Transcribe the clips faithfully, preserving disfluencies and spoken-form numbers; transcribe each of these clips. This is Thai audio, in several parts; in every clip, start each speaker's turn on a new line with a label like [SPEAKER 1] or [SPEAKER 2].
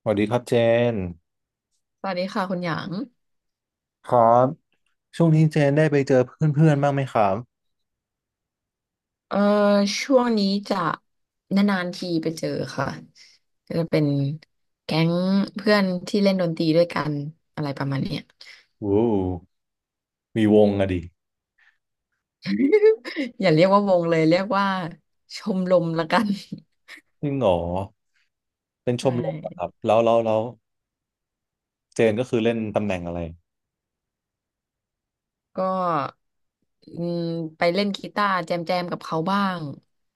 [SPEAKER 1] สวัสดีครับเจน
[SPEAKER 2] สวัสดีค่ะคุณหยาง
[SPEAKER 1] ครับช่วงนี้เจนได้ไปเจอเพื่อนๆบ้างไหมครับ
[SPEAKER 2] เอ่อช่วงนี้จะนานๆทีไปเจอค่ะก็จะเป็นแก๊งเพื่อนที่เล่นดนตรีด้วยกันอะไรประมาณเนี้ย
[SPEAKER 1] โอ้โหมีวงอะดิ
[SPEAKER 2] อย่าเรียกว่าวงเลยเรียกว่าชมรมละกัน
[SPEAKER 1] จริงเหรอเป็น ช
[SPEAKER 2] ใช่
[SPEAKER 1] มรมเหรอครับแล้วแล้วแล้วเจนก็คือเล่นตำแหน่งอะไร
[SPEAKER 2] ก็อืมไปเล่นกีตาร์แจมแจมกับเขาบ้าง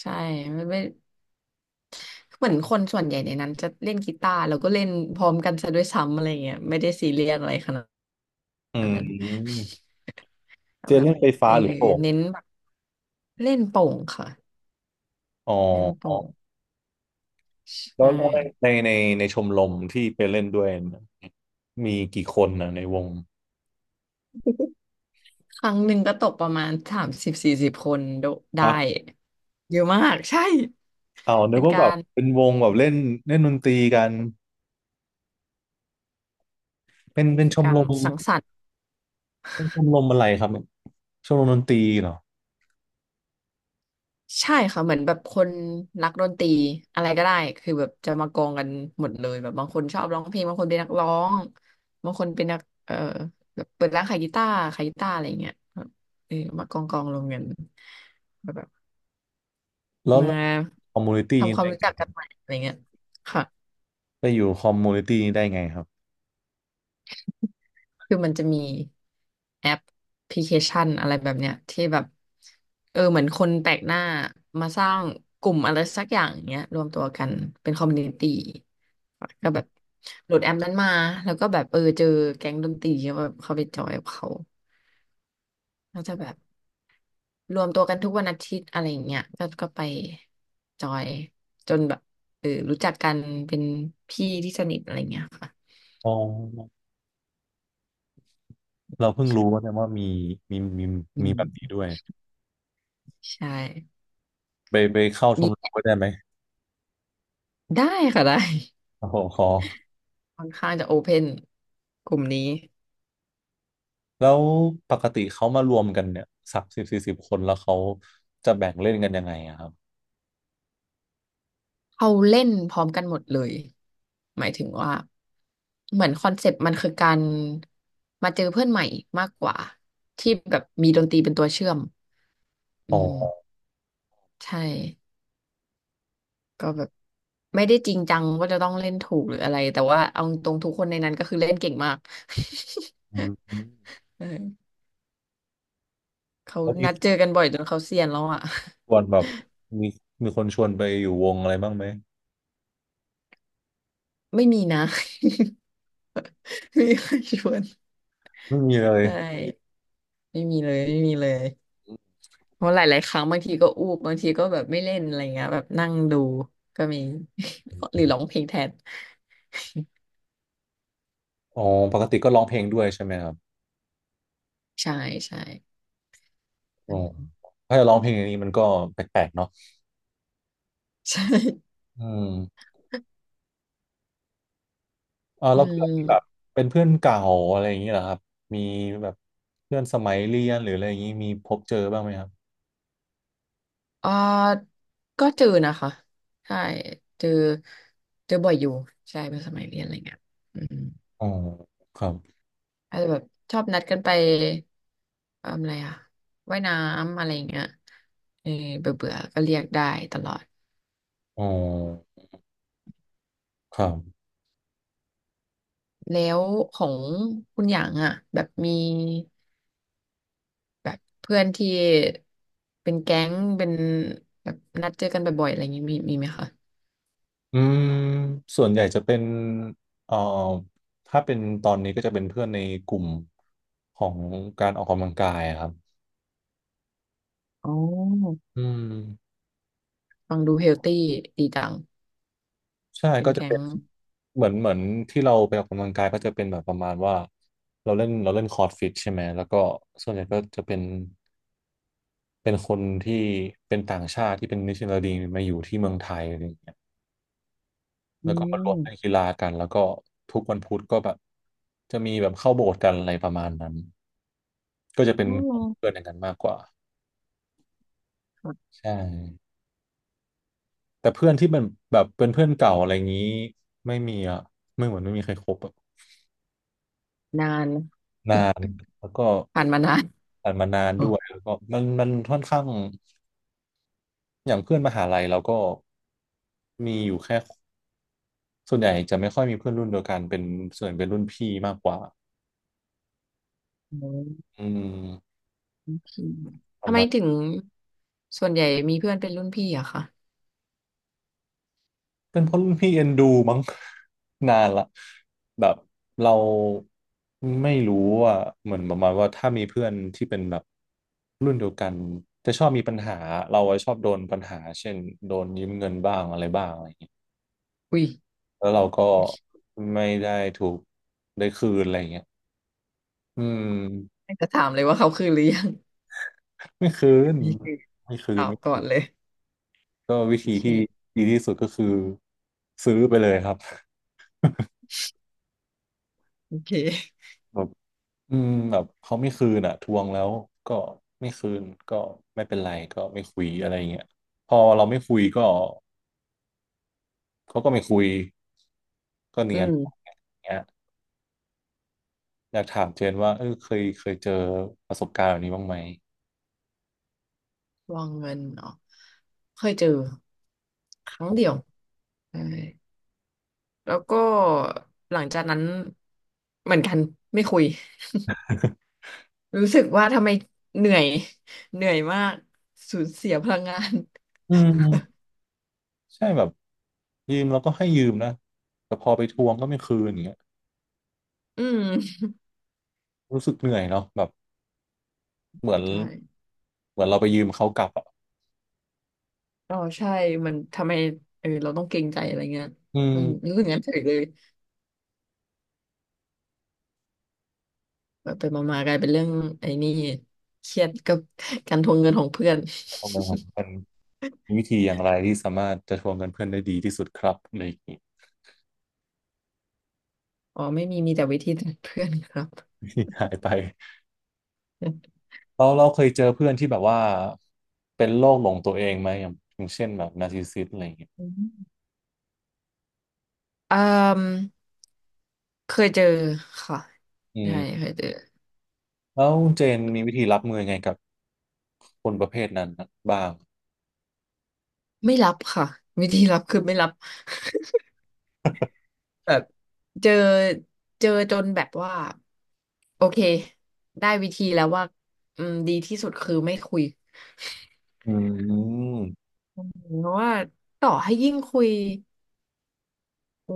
[SPEAKER 2] ใช่ไม่ไม่เหมือนคนส่วนใหญ่ในนั้นจะเล่นกีตาร์แล้วก็เล่นพร้อมกันซะด้วยซ้ำอะไรเงี้ยไม่ได้ซีเรียสอะไรขนาด
[SPEAKER 1] อื
[SPEAKER 2] นั้น
[SPEAKER 1] มเจ
[SPEAKER 2] แบ
[SPEAKER 1] น
[SPEAKER 2] บ
[SPEAKER 1] เล่นไฟ
[SPEAKER 2] เอ
[SPEAKER 1] ฟ้า
[SPEAKER 2] อ
[SPEAKER 1] หรือโป่ง
[SPEAKER 2] เน้นแบบเล่นโป่งค่ะ
[SPEAKER 1] อ๋อ
[SPEAKER 2] เล่นโป่ง
[SPEAKER 1] แล้
[SPEAKER 2] ใช่
[SPEAKER 1] วแล้วในในในชมรมที่ไปเล่นด้วยนะมีกี่คนนะในวง
[SPEAKER 2] ครั้งหนึ่งก็ตกประมาณสามสิบสี่สิบคนโดได้
[SPEAKER 1] อ่ะ
[SPEAKER 2] เยอะมากใช่
[SPEAKER 1] เอานึ
[SPEAKER 2] เป็
[SPEAKER 1] ก
[SPEAKER 2] น
[SPEAKER 1] ว่า
[SPEAKER 2] กา
[SPEAKER 1] แบบ
[SPEAKER 2] ร
[SPEAKER 1] เป็นวงแบบเล่นเล่นดนตรีกันเป็น
[SPEAKER 2] มัน
[SPEAKER 1] เป็น
[SPEAKER 2] คื
[SPEAKER 1] ช
[SPEAKER 2] อ
[SPEAKER 1] ม
[SPEAKER 2] การ
[SPEAKER 1] รม
[SPEAKER 2] สังสรรค์
[SPEAKER 1] เป็นชมรมอะไรครับชมรมดนตรีเหรอ
[SPEAKER 2] ใช่ค่ะเหมือนแบบคนรักดนตรีอะไรก็ได้คือแบบจะมากองกันหมดเลยแบบบางคนชอบร้องเพลงบางคนเป็นนักร้องบางคนเป็นนักเออแบบเปิดร้านขายกีตาร์ขายกีตาร์อะไรอย่างเงี้ยแบบเออมากองกองลงกันแบบ
[SPEAKER 1] แล้ว
[SPEAKER 2] มา
[SPEAKER 1] คอมมูนิตี้
[SPEAKER 2] ทำความรู้จักกันใหม่อะไรเงี้ยค่ะ
[SPEAKER 1] ไปอยู่คอมมูนิตี้นี้ได้ไงครับ
[SPEAKER 2] คือมันจะมีแอปพลิเคชันอะไรแบบเนี้ยที่แบบเออเหมือนคนแปลกหน้ามาสร้างกลุ่มอะไรสักอย่างเงี้ยรวมตัวกันเป็นคอมมูนิตี้ก็แบบโหลดแอปนั้นมาแล้วก็แบบเออเจอแก๊งดนตรีก็แบบเข้าไปจอยกับเขาก็จะแบบรวมตัวกันทุกวันอาทิตย์อะไรอย่างเงี้ยก็ก็ไปจอยจนแบบเออรู้จักกันเป็นพี่ที่สนิทอะไรเงี้ยค่ะ
[SPEAKER 1] อ๋อ เราเพิ่งรู้ว่า
[SPEAKER 2] ใช่
[SPEAKER 1] เนี่ยว่ามีมีมี
[SPEAKER 2] อื
[SPEAKER 1] มีแบบนี้
[SPEAKER 2] ม
[SPEAKER 1] ด้วย
[SPEAKER 2] ใช่
[SPEAKER 1] ไปไปเข้าชมรม
[SPEAKER 2] มี
[SPEAKER 1] ก็ได้ไหม
[SPEAKER 2] ได้ค่ะได้
[SPEAKER 1] โอ้โหขอ
[SPEAKER 2] ค่อนข้างจะโอเพนกลุ่มนี้
[SPEAKER 1] แล้วปกติเขามารวมกันเนี่ยสักสิบสี่สิบคนแล้วเขาจะแบ่งเล่นกันยังไงอะครับ
[SPEAKER 2] เขาเล่นพร้อมกันหมดเลยหมายถึงว่าเหมือนคอนเซปต์มันคือการมาเจอเพื่อนใหม่มากกว่าที่แบบมีดนตรีเป็นตัวเชื่อมอื
[SPEAKER 1] อ๋
[SPEAKER 2] ม
[SPEAKER 1] อ
[SPEAKER 2] ใช่ก็แบบไม่ได้จริงจังว่าจะต้องเล่นถูกหรืออะไรแต่ว่าเอาตรงทุกคนในนั้นก็คือเล่นเก่งมาก
[SPEAKER 1] อืม
[SPEAKER 2] เออเขา
[SPEAKER 1] แล้วมี
[SPEAKER 2] นัดเจอกันบ่อยจนเขาเซียนแล้วอ่ะ
[SPEAKER 1] ชวนแบบมีมีคนชวนไปอยู่วงอะไรบ้างไหม
[SPEAKER 2] ไม่มีนะ ไม่มีใครชวน
[SPEAKER 1] ไม่มีเลย
[SPEAKER 2] ใช่ไม่มีเลยไม่มีเลยเพราะหลายๆครั้งบางทีก็อูบบางทีก็แบบไม่เล่นอะไรเงี้ยแบบนั่งดูก็มี หรือร้องเพลงแทน
[SPEAKER 1] อ๋อปกติก็ร้องเพลงด้วยใช่ไหมครับ
[SPEAKER 2] ใช่ใช่
[SPEAKER 1] อ๋
[SPEAKER 2] อื
[SPEAKER 1] อ
[SPEAKER 2] ม
[SPEAKER 1] ถ้าจะร้องเพลงอย่างนี้มันก็แปลกๆเนาะ
[SPEAKER 2] ใช่
[SPEAKER 1] อืม อ่า
[SPEAKER 2] อื
[SPEAKER 1] แล้วเพื่อนที่แบบ
[SPEAKER 2] ม
[SPEAKER 1] เป็นเพื่อนเก่าอะไรอย่างนี้เหรอครับมีแบบเพื่อนสมัยเรียนหรืออะไรอย่างนี้มีพบเจอบ้างไหมครับ
[SPEAKER 2] เอ่อก็เจอนะคะใช่เจอเจอบ่อยอยู่ใช่เป็นสมัยเรียนอะไรเงี้ยอืม
[SPEAKER 1] อ๋อครับ
[SPEAKER 2] อาจจะแบบชอบนัดกันไปเอิ่มอะไรอะว่ายน้ำอะไรเงี้ยเออเบื่อเบื่อก็เรียกได้ตลอด
[SPEAKER 1] อ๋อครับ
[SPEAKER 2] แล้วของคุณหยางอ่ะแบบมีแบบเพื่อนที่เป็นแก๊งเป็นแบบนัดเจอกันบ่อยๆอะไรอย่างงี้มีมีไหมคะ
[SPEAKER 1] อืมส่วนใหญ่จะเป็นเอ่อถ้าเป็นตอนนี้ก็จะเป็นเพื่อนในกลุ่มของการออกกำลังกายอะครับ
[SPEAKER 2] อ๋อ
[SPEAKER 1] อืม
[SPEAKER 2] ฟังดูเฮลตี้ดีจัง
[SPEAKER 1] ใช่
[SPEAKER 2] เป็น
[SPEAKER 1] ก็จะ
[SPEAKER 2] แก๊
[SPEAKER 1] เป็
[SPEAKER 2] ง
[SPEAKER 1] นเหมือนเหมือนที่เราไปออกกำลังกายก็จะเป็นแบบประมาณว่าเราเล่นเราเล่นคอร์ดฟิตใช่ไหมแล้วก็ส่วนใหญ่ก็จะเป็น เป็นคนที่เป็นต่างชาติที่เป็นนิชนัลดีมาอยู่ที่เมืองไทยอะไรอย่างเงี้ย
[SPEAKER 2] อื
[SPEAKER 1] แล้วก็มารวมเล่น
[SPEAKER 2] ม
[SPEAKER 1] กีฬากันแล้วก็ทุกวันพุธก็แบบจะมีแบบเข้าโบสถ์กันอะไรประมาณนั้นก็จะเป็น
[SPEAKER 2] อ๋อ
[SPEAKER 1] กลุ่มเพื่อนอย่างนั้นมากกว่า
[SPEAKER 2] ค่ะ
[SPEAKER 1] ใช่แต่เพื่อนที่เป็นแบบเป็นเพื่อนเก่าอะไรอย่างนี้ไม่มีอ่ะไม่เหมือนไม่มีใครคบอะ
[SPEAKER 2] นาน
[SPEAKER 1] แล้วก็
[SPEAKER 2] ผ่านมานาน
[SPEAKER 1] ผ่านมานาน
[SPEAKER 2] โอ้
[SPEAKER 1] ด้ว
[SPEAKER 2] โ
[SPEAKER 1] ยแล้วก็มันมันค่อนข้างอย่างเพื่อนมหาลัยเราก็มีอยู่แค่ส่วนใหญ่จะไม่ค่อยมีเพื่อนรุ่นเดียวกันเป็นส่วนเป็นรุ่นพี่มากกว่า
[SPEAKER 2] ห
[SPEAKER 1] อืม
[SPEAKER 2] โอเคทำ
[SPEAKER 1] ทำ
[SPEAKER 2] ไม
[SPEAKER 1] มา
[SPEAKER 2] ถึ
[SPEAKER 1] ณ
[SPEAKER 2] งส่วนใหญ่มีเพื่อนเป็นรุ่นพี่อะคะ
[SPEAKER 1] เป็นเพราะรุ่นพี่เอ็นดูมั้ง นานละแบบเราไม่รู้ว่าเหมือนประมาณว่าถ้ามีเพื่อนที่เป็นแบบรุ่นเดียวกันจะชอบมีปัญหาเราอะชอบโดนปัญหาเช่นโดนยืมเงินบ้างอะไรบ้างอะไรอย่างเงี้ย
[SPEAKER 2] อุ้ย
[SPEAKER 1] แล้วเราก็ไม่ได้ถูกได้คืนอะไรอย่างเงี้ยอืม
[SPEAKER 2] ไม่จะถามเลยว่าเขาคือหรือยัง
[SPEAKER 1] ไม่คืน
[SPEAKER 2] นี่คือ
[SPEAKER 1] ไม่คื
[SPEAKER 2] ตอ
[SPEAKER 1] น
[SPEAKER 2] บ
[SPEAKER 1] ไม่
[SPEAKER 2] ก่อ
[SPEAKER 1] คื
[SPEAKER 2] นเลย
[SPEAKER 1] นก็วิ
[SPEAKER 2] โอ
[SPEAKER 1] ธีที่
[SPEAKER 2] เค
[SPEAKER 1] ดีที่สุดก็คือซื้อไปเลยครับ
[SPEAKER 2] โอเค
[SPEAKER 1] อืมแบบเขาไม่คืนอ่ะทวงแล้วก็ไม่คืนก็ไม่เป็นไรก็ไม่คุยอะไรเงี้ยพอเราไม่คุยก็เขาก็ไม่คุยก็
[SPEAKER 2] อื
[SPEAKER 1] เนียน
[SPEAKER 2] ม
[SPEAKER 1] เงี้ยอยากถามเจนว่าเออเคยเคยเจอประสบการณ์แบบนี้บ้างไหม
[SPEAKER 2] วางเงินเนาะเคยเจอครั้งเดียวใช่แล้วก็หลังจากนั้นเหมือนกันไม่คุยรู้สึกว่าทำไมเหนื่อยเหนื่อยมากสูญเสียพลังงาน
[SPEAKER 1] อืมใช่แบบยืมแล้วก็ให้ยืมนะแต่พอไปทวงก็ไม่คืนอย่างเงี้ย
[SPEAKER 2] อืม
[SPEAKER 1] รู้สึกเหนื่อยเนาะแบบเหมือน
[SPEAKER 2] ใช่
[SPEAKER 1] เหมือนเราไปยืมเขากลับอ่ะ
[SPEAKER 2] อ๋อใช่มันทำไมเออเราต้องเกรงใจอะไรเงี้ย
[SPEAKER 1] อื
[SPEAKER 2] อืม
[SPEAKER 1] ม
[SPEAKER 2] รู้สึกงั้นเฉยเลยแบบไปมามากลายเป็นเรื่องไอ้นี่เครียดกับการทวงเงินของเพื่อน
[SPEAKER 1] ทม มันมีวิธีอย่างไรที่สามารถจะทวงเงินเพื่อนได้ดีที่สุดครับอะไรอย่างงี้
[SPEAKER 2] อ๋อไม่มีมีแต่วิธีจากเพื่อนครับ
[SPEAKER 1] หายไปเราเราเคยเจอเพื่อนที่แบบว่าเป็นโรคหลงตัวเองไหมอย่างอย่างเช่นแบบนาร์ซิสซิสอะไรอย่างเงี้ย
[SPEAKER 2] เอ่อเคยเจอค่ะ
[SPEAKER 1] อื
[SPEAKER 2] ใช่
[SPEAKER 1] ม
[SPEAKER 2] เคยเจอ
[SPEAKER 1] แล้วเจนมีวิธีรับมือยังไงกับคนประเภทนั้นบ้าง
[SPEAKER 2] ไม่รับค่ะวิธีรับคือไม่รับแบบเจอเจอจนแบบว่าโอเคได้วิธีแล้วว่าอืมดีที่สุดคือไม่คุย
[SPEAKER 1] อืม
[SPEAKER 2] อืมเพราะว่าต่อให้ยิ่งคุยโอ้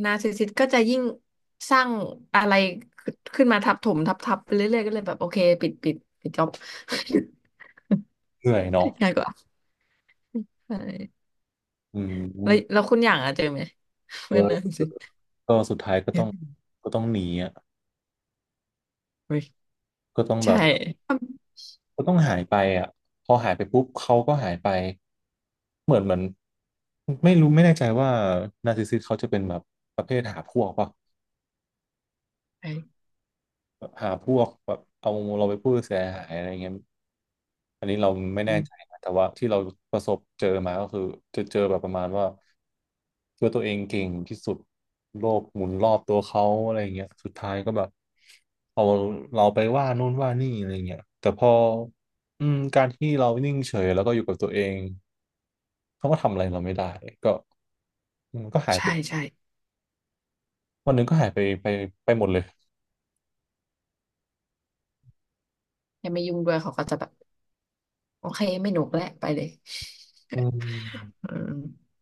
[SPEAKER 2] หนาร์ซิสซิสก็จะยิ่งสร้างอะไรขึ้นมาทับถมทับทับไปเรื่อยๆก็เลยแบบโอเคปิดปิดปิดจ็อบ
[SPEAKER 1] เหนื่อยเนาะ
[SPEAKER 2] ง่ายกว่าใช่
[SPEAKER 1] อื
[SPEAKER 2] แล้ว
[SPEAKER 1] ม
[SPEAKER 2] แล้วคุณอย่างอะเจอไหมเมื่อนาน
[SPEAKER 1] เออ
[SPEAKER 2] สิ
[SPEAKER 1] ก็สุดท้ายก็
[SPEAKER 2] เฮ้
[SPEAKER 1] ต้อง
[SPEAKER 2] ย
[SPEAKER 1] ก็ต้องหนีอ่ะ
[SPEAKER 2] เฮ้ย
[SPEAKER 1] ก็ต้องแบ
[SPEAKER 2] ใช่
[SPEAKER 1] บก็ต้องหายไปอ่ะพอหายไปปุ๊บเขาก็หายไปเหมือนเหมือนไม่รู้ไม่แน่ใจว่านาร์ซิสซิสเขาจะเป็นแบบประเภทหาพวกป่ะ
[SPEAKER 2] ใช่
[SPEAKER 1] แบบหาพวกแบบเอาเราไปพูดเสียหายอะไรเงี้ยอันนี้เราไม่
[SPEAKER 2] อื
[SPEAKER 1] แน่
[SPEAKER 2] ม
[SPEAKER 1] ใจนะแต่ว่าที่เราประสบเจอมาก็คือจะเจอแบบประมาณว่าคิดว่าตัวเองเก่งที่สุดโลกหมุนรอบตัวเขาอะไรเงี้ยสุดท้ายก็แบบเอาเราไปว่านู่นว่านี่อะไรเงี้ยแต่พออืมการที่เรานิ่งเฉยแล้วก็อยู่กับตัวเองเขาก็ทำอะไรเราไม่ได้ก็อืมันก็หายไป
[SPEAKER 2] ใช่ใช่
[SPEAKER 1] วันหนึ่งก็หายไปไปไปหมดเลย
[SPEAKER 2] อยังไม่ยุ่งด้วยเขาก็จะแบบโอเคไม่หนุกแล้วไปเลย
[SPEAKER 1] อืม
[SPEAKER 2] อืม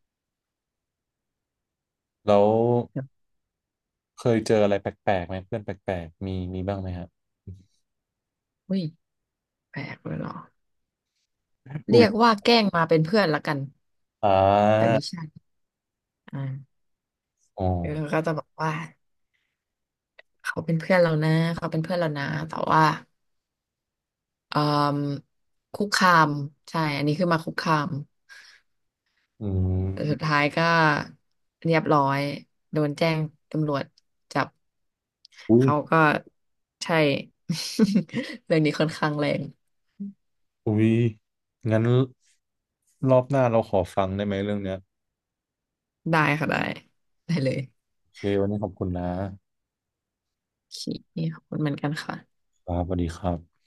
[SPEAKER 1] แล้ว
[SPEAKER 2] แบบ
[SPEAKER 1] เคยเจออะไรแปลกๆไหมเพื่อนแปลกๆมีมีบ้างไหมฮะ
[SPEAKER 2] อุ้ยแปลกเลยเหรอเรี
[SPEAKER 1] อุ้ย
[SPEAKER 2] ยกว่าแกล้งมาเป็นเพื่อนละกัน
[SPEAKER 1] อ่
[SPEAKER 2] แต่
[SPEAKER 1] า
[SPEAKER 2] ไม่ใช่อ่า
[SPEAKER 1] อ๋อ
[SPEAKER 2] เออก็จะบอกว่าเขาเป็นเพื่อนเรานะเขาเป็นเพื่อนเรานะแต่ว่าเอ่อคุกคามใช่อันนี้คือมาคุกคาม
[SPEAKER 1] อื
[SPEAKER 2] แต่สุด
[SPEAKER 1] ม
[SPEAKER 2] ท้ายก็เรียบร้อยโดนแจ้งตำรวจจับ
[SPEAKER 1] อุ้ย
[SPEAKER 2] เขาก็ใช่ เรื่องนี้ค่อนข้างแรง
[SPEAKER 1] อุ้ยงั้นรอบหน้าเราขอฟังได้ไหมเรื่องเนี้ย
[SPEAKER 2] ได้ค่ะได้ได้เลย
[SPEAKER 1] โอเควันนี้ขอบคุณนะ
[SPEAKER 2] โอเคขอบคุณเหมือนกันค่ะ
[SPEAKER 1] ครับสวัสดีครับ